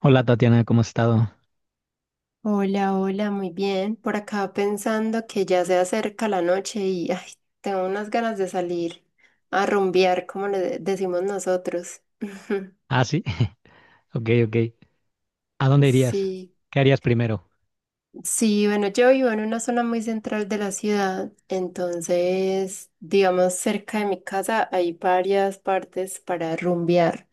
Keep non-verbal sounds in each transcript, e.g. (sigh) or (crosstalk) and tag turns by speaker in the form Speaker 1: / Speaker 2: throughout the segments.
Speaker 1: Hola Tatiana, ¿cómo has estado?
Speaker 2: Hola, hola, muy bien. Por acá pensando que ya se acerca la noche y ay, tengo unas ganas de salir a rumbear, como decimos nosotros. (laughs)
Speaker 1: Ah, sí. (laughs) Ok, ok. ¿A dónde irías?
Speaker 2: Sí.
Speaker 1: ¿Qué harías primero?
Speaker 2: Sí, bueno, yo vivo en una zona muy central de la ciudad, entonces, digamos, cerca de mi casa hay varias partes para rumbear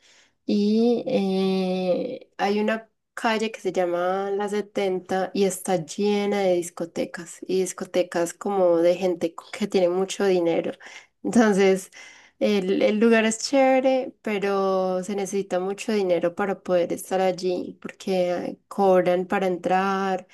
Speaker 2: y hay una calle que se llama La Setenta y está llena de discotecas y discotecas como de gente que tiene mucho dinero. Entonces, el lugar es chévere, pero se necesita mucho dinero para poder estar allí porque cobran para entrar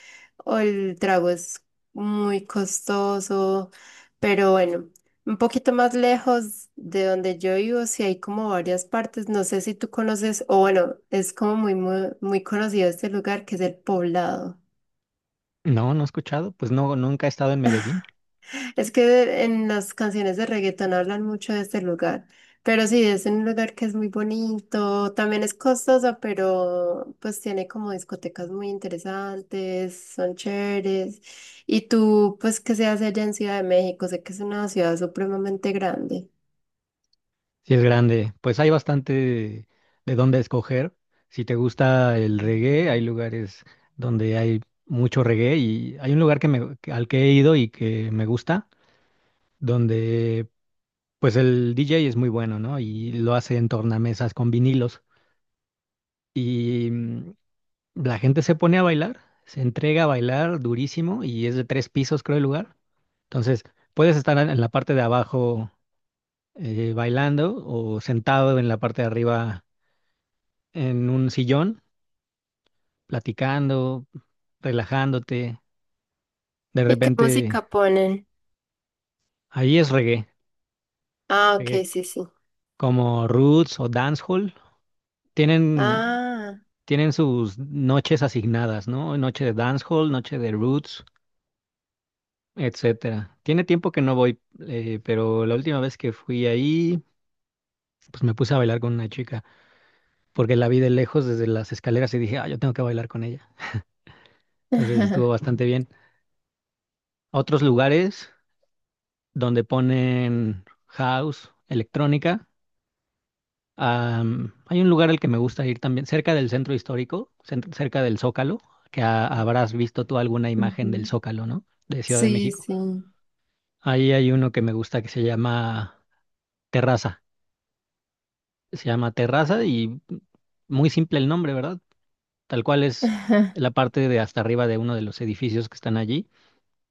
Speaker 2: o el trago es muy costoso, pero bueno, un poquito más lejos de donde yo vivo, sí hay como varias partes, no sé si tú conoces, o bueno, es como muy, muy, muy conocido este lugar que es el Poblado.
Speaker 1: No, no he escuchado. Pues no, nunca he estado en Medellín.
Speaker 2: Es que en las canciones de reggaetón hablan mucho de este lugar, pero sí, es un lugar que es muy bonito, también es costoso, pero pues tiene como discotecas muy interesantes, son chéveres. Y tú, pues que seas allá en Ciudad de México, sé que es una ciudad supremamente grande.
Speaker 1: Sí es grande. Pues hay bastante de dónde escoger. Si te gusta el reggae, hay lugares donde hay mucho reggae y hay un lugar al que he ido y que me gusta, donde pues el DJ es muy bueno, ¿no? Y lo hace en tornamesas con vinilos. Y la gente se pone a bailar, se entrega a bailar durísimo y es de tres pisos, creo, el lugar. Entonces, puedes estar en la parte de abajo, bailando, o sentado en la parte de arriba en un sillón, platicando, relajándote. De
Speaker 2: ¿Y qué
Speaker 1: repente,
Speaker 2: música ponen?
Speaker 1: ahí es reggae,
Speaker 2: Ah, ok,
Speaker 1: reggae
Speaker 2: sí, sí.
Speaker 1: como roots o dancehall. Tienen,
Speaker 2: Ah.
Speaker 1: tienen sus noches asignadas, ¿no? Noche de dancehall, noche de roots, etcétera. Tiene tiempo que no voy, pero la última vez que fui ahí, pues me puse a bailar con una chica, porque la vi de lejos desde las escaleras y dije, ah, yo tengo que bailar con ella. Entonces estuvo
Speaker 2: (laughs)
Speaker 1: bastante bien. Otros lugares donde ponen house, electrónica. Hay un lugar al que me gusta ir también, cerca del centro histórico, cerca del Zócalo, que habrás visto tú alguna imagen del
Speaker 2: Ujú.
Speaker 1: Zócalo, ¿no? De Ciudad de
Speaker 2: Sí,
Speaker 1: México.
Speaker 2: sí.
Speaker 1: Ahí hay uno que me gusta que se llama Terraza. Se llama Terraza y muy simple el nombre, ¿verdad? Tal cual es la
Speaker 2: (laughs)
Speaker 1: parte de hasta arriba de uno de los edificios que están allí.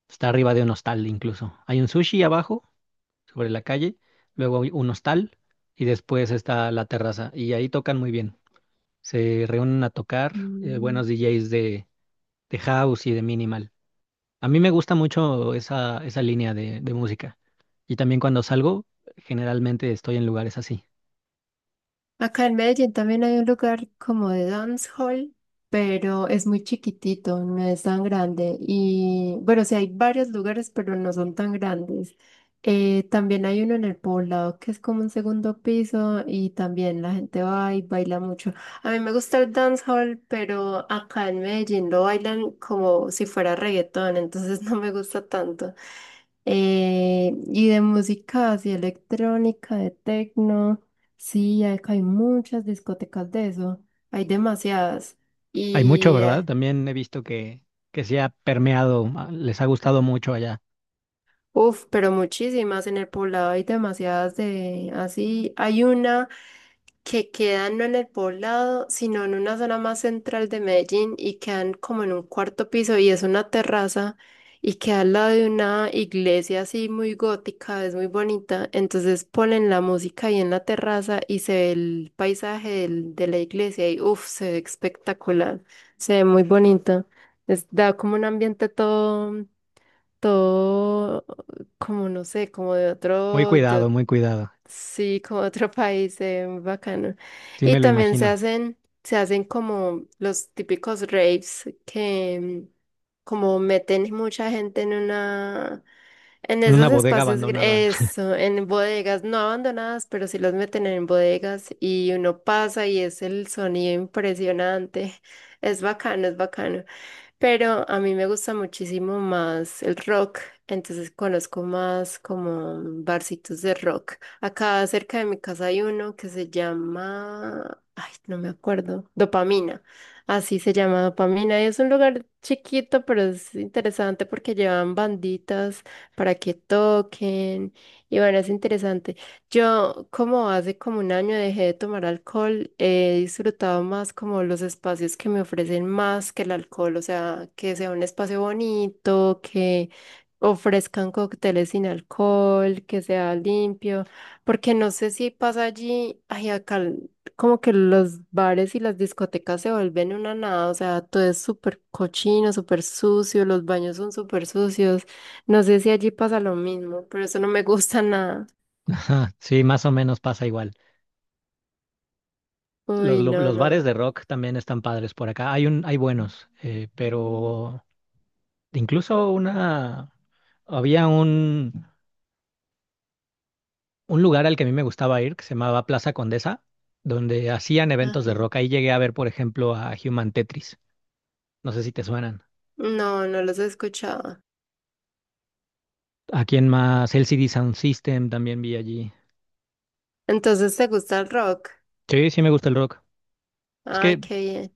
Speaker 1: Está arriba de un hostal incluso. Hay un sushi abajo, sobre la calle, luego hay un hostal y después está la terraza. Y ahí tocan muy bien. Se reúnen a tocar
Speaker 2: Mm.
Speaker 1: buenos DJs de house y de minimal. A mí me gusta mucho esa línea de música. Y también cuando salgo, generalmente estoy en lugares así.
Speaker 2: Acá en Medellín también hay un lugar como de dance hall, pero es muy chiquitito, no es tan grande. Y bueno, sí hay varios lugares, pero no son tan grandes. También hay uno en el poblado que es como un segundo piso y también la gente va y baila mucho. A mí me gusta el dance hall, pero acá en Medellín lo bailan como si fuera reggaetón, entonces (laughs) no me gusta tanto. Y de música así electrónica, de techno, sí, acá hay muchas discotecas de eso, hay demasiadas.
Speaker 1: Hay mucho,
Speaker 2: Y,
Speaker 1: ¿verdad? También he visto que se ha permeado, ah, les ha gustado mucho allá.
Speaker 2: uff, pero muchísimas en el poblado hay demasiadas de así. Hay una. Que quedan no en el poblado, sino en una zona más central de Medellín y quedan como en un cuarto piso y es una terraza y queda al lado de una iglesia así muy gótica, es muy bonita. Entonces ponen la música ahí en la terraza y se ve el paisaje de la iglesia y uff, se ve espectacular, se ve muy bonita. Da como un ambiente todo, todo, como no sé, como de
Speaker 1: Muy
Speaker 2: otro,
Speaker 1: cuidado,
Speaker 2: de.
Speaker 1: muy cuidado.
Speaker 2: Sí, como otro (laughs) país, bacano.
Speaker 1: Sí,
Speaker 2: Y
Speaker 1: me lo
Speaker 2: también
Speaker 1: imagino.
Speaker 2: se hacen como los típicos raves que como meten mucha gente en una, en
Speaker 1: En una
Speaker 2: esos
Speaker 1: bodega
Speaker 2: espacios,
Speaker 1: abandonada.
Speaker 2: en bodegas, no abandonadas, pero sí los meten en bodegas y uno pasa y es el sonido impresionante. (laughs) Es bacano, es bacano. Pero a mí me gusta muchísimo más el rock, entonces conozco más como barcitos de rock. Acá cerca de mi casa hay uno que se llama, ay, no me acuerdo, Dopamina. Así se llama Dopamina y es un lugar chiquito, pero es interesante porque llevan banditas para que toquen y bueno, es interesante. Yo, como hace como un año dejé de tomar alcohol, he disfrutado más como los espacios que me ofrecen más que el alcohol, o sea, que sea un espacio bonito, que ofrezcan cócteles sin alcohol, que sea limpio, porque no sé si pasa allí, ay, como que los bares y las discotecas se vuelven una nada, o sea, todo es súper cochino, súper sucio, los baños son súper sucios, no sé si allí pasa lo mismo, pero eso no me gusta nada.
Speaker 1: (laughs) Sí, más o menos pasa igual.
Speaker 2: Uy, no,
Speaker 1: Los
Speaker 2: no.
Speaker 1: bares de rock también están padres por acá. Hay buenos, pero incluso había un, un lugar al que a mí me gustaba ir que se llamaba Plaza Condesa, donde hacían eventos de
Speaker 2: Ajá.
Speaker 1: rock. Ahí llegué a ver, por ejemplo, a Human Tetris. No sé si te suenan.
Speaker 2: No, no los he escuchado.
Speaker 1: ¿A quién más? LCD Sound System también vi allí.
Speaker 2: Entonces, ¿te gusta el rock?
Speaker 1: Sí, sí me gusta el rock. Es
Speaker 2: Ay,
Speaker 1: que
Speaker 2: qué bien.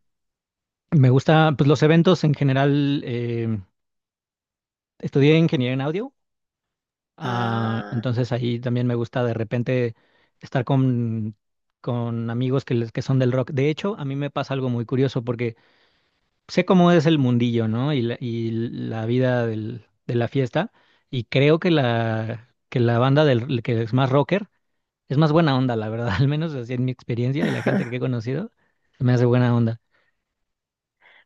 Speaker 1: me gusta, pues los eventos en general, estudié ingeniería en audio, ah,
Speaker 2: Ah.
Speaker 1: entonces ahí también me gusta de repente estar con amigos que son del rock. De hecho, a mí me pasa algo muy curioso porque sé cómo es el mundillo, ¿no? Y la vida de la fiesta, y creo que que la banda que es más rocker es más buena onda, la verdad, (laughs) al menos así en mi experiencia y la gente que he
Speaker 2: (laughs)
Speaker 1: conocido, me hace buena onda.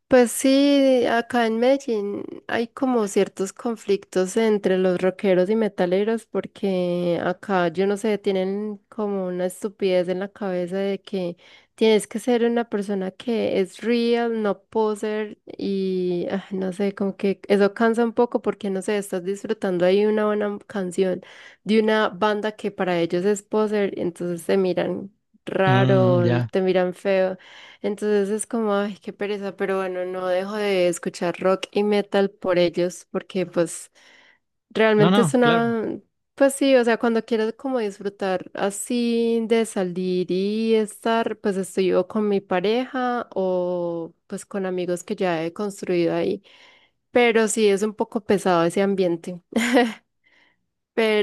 Speaker 2: Pues sí, acá en Medellín hay como ciertos conflictos entre los rockeros y metaleros porque acá, yo no sé, tienen como una estupidez en la cabeza de que tienes que ser una persona que es real, no poser y ah, no sé, como que eso cansa un poco porque no sé, estás disfrutando ahí una buena canción de una banda que para ellos es poser, entonces te miran raro,
Speaker 1: Mm, ya.
Speaker 2: te miran feo. Entonces es como, ay, qué pereza, pero bueno, no dejo de escuchar rock y metal por ellos, porque pues
Speaker 1: No,
Speaker 2: realmente es
Speaker 1: no, claro.
Speaker 2: una, pues sí, o sea, cuando quiero como disfrutar así de salir y estar, pues estoy o con mi pareja o pues con amigos que ya he construido ahí, pero sí es un poco pesado ese ambiente.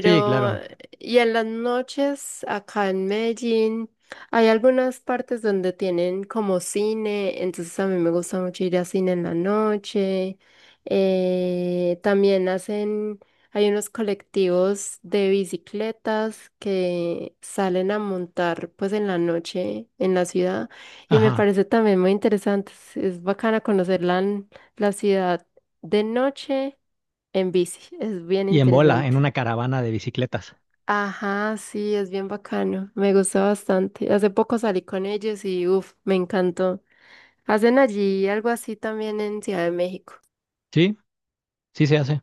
Speaker 1: Sí, claro.
Speaker 2: y en las noches acá en Medellín hay algunas partes donde tienen como cine, entonces a mí me gusta mucho ir a cine en la noche. También hacen, hay unos colectivos de bicicletas que salen a montar pues en la noche en la ciudad y me
Speaker 1: Ajá.
Speaker 2: parece también muy interesante. Es bacana conocer la, la ciudad de noche en bici, es bien
Speaker 1: Y en bola, en
Speaker 2: interesante.
Speaker 1: una caravana de bicicletas.
Speaker 2: Ajá, sí, es bien bacano. Me gusta bastante. Hace poco salí con ellos y uff, me encantó. Hacen allí algo así también en Ciudad de México.
Speaker 1: Sí, sí se hace.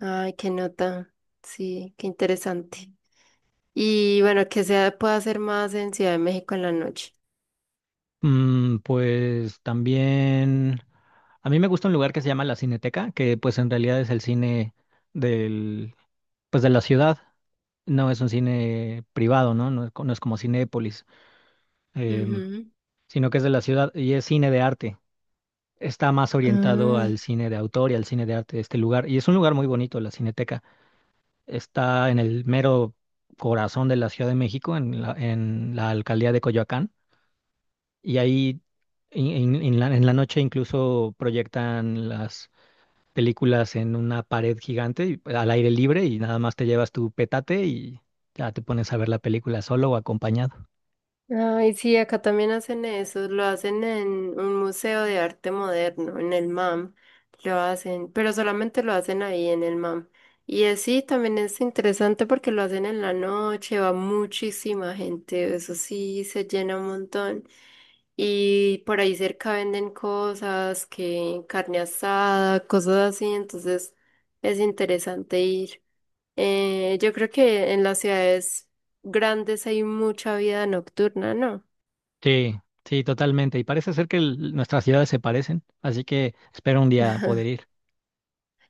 Speaker 2: Ay, qué nota. Sí, qué interesante. Y bueno, que se pueda hacer más en Ciudad de México en la noche.
Speaker 1: Mm, pues también. A mí me gusta un lugar que se llama la Cineteca, que pues en realidad es el cine del, pues de la ciudad. No es un cine privado, ¿no? No es como Cinépolis, em,
Speaker 2: Ujú.
Speaker 1: sino que es de la ciudad y es cine de arte. Está más orientado
Speaker 2: Ah.
Speaker 1: al cine de autor y al cine de arte de este lugar. Y es un lugar muy bonito, la Cineteca. Está en el mero corazón de la Ciudad de México, en en la alcaldía de Coyoacán. Y ahí en en la noche incluso proyectan las películas en una pared gigante al aire libre y nada más te llevas tu petate y ya te pones a ver la película solo o acompañado.
Speaker 2: Ay, sí, acá también hacen eso, lo hacen en un museo de arte moderno, en el MAM, lo hacen, pero solamente lo hacen ahí en el MAM. Y así también es interesante porque lo hacen en la noche, va muchísima gente, eso sí, se llena un montón. Y por ahí cerca venden cosas, que carne asada, cosas así, entonces es interesante ir. Yo creo que en las ciudades grandes hay mucha vida nocturna, ¿no?
Speaker 1: Sí, sí, totalmente. Y parece ser que nuestras ciudades se parecen, así que espero un
Speaker 2: (laughs)
Speaker 1: día
Speaker 2: Ajá.
Speaker 1: poder ir.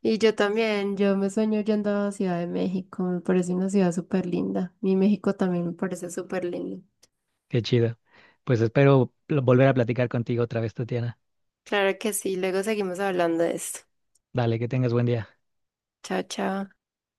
Speaker 2: Y yo también, yo me sueño yendo a Ciudad de México, me parece una ciudad súper linda. Mi México también me parece súper lindo.
Speaker 1: Qué chido. Pues espero volver a platicar contigo otra vez, Tatiana.
Speaker 2: Claro que sí, luego seguimos hablando de esto.
Speaker 1: Dale, que tengas buen día.
Speaker 2: Chao, chao.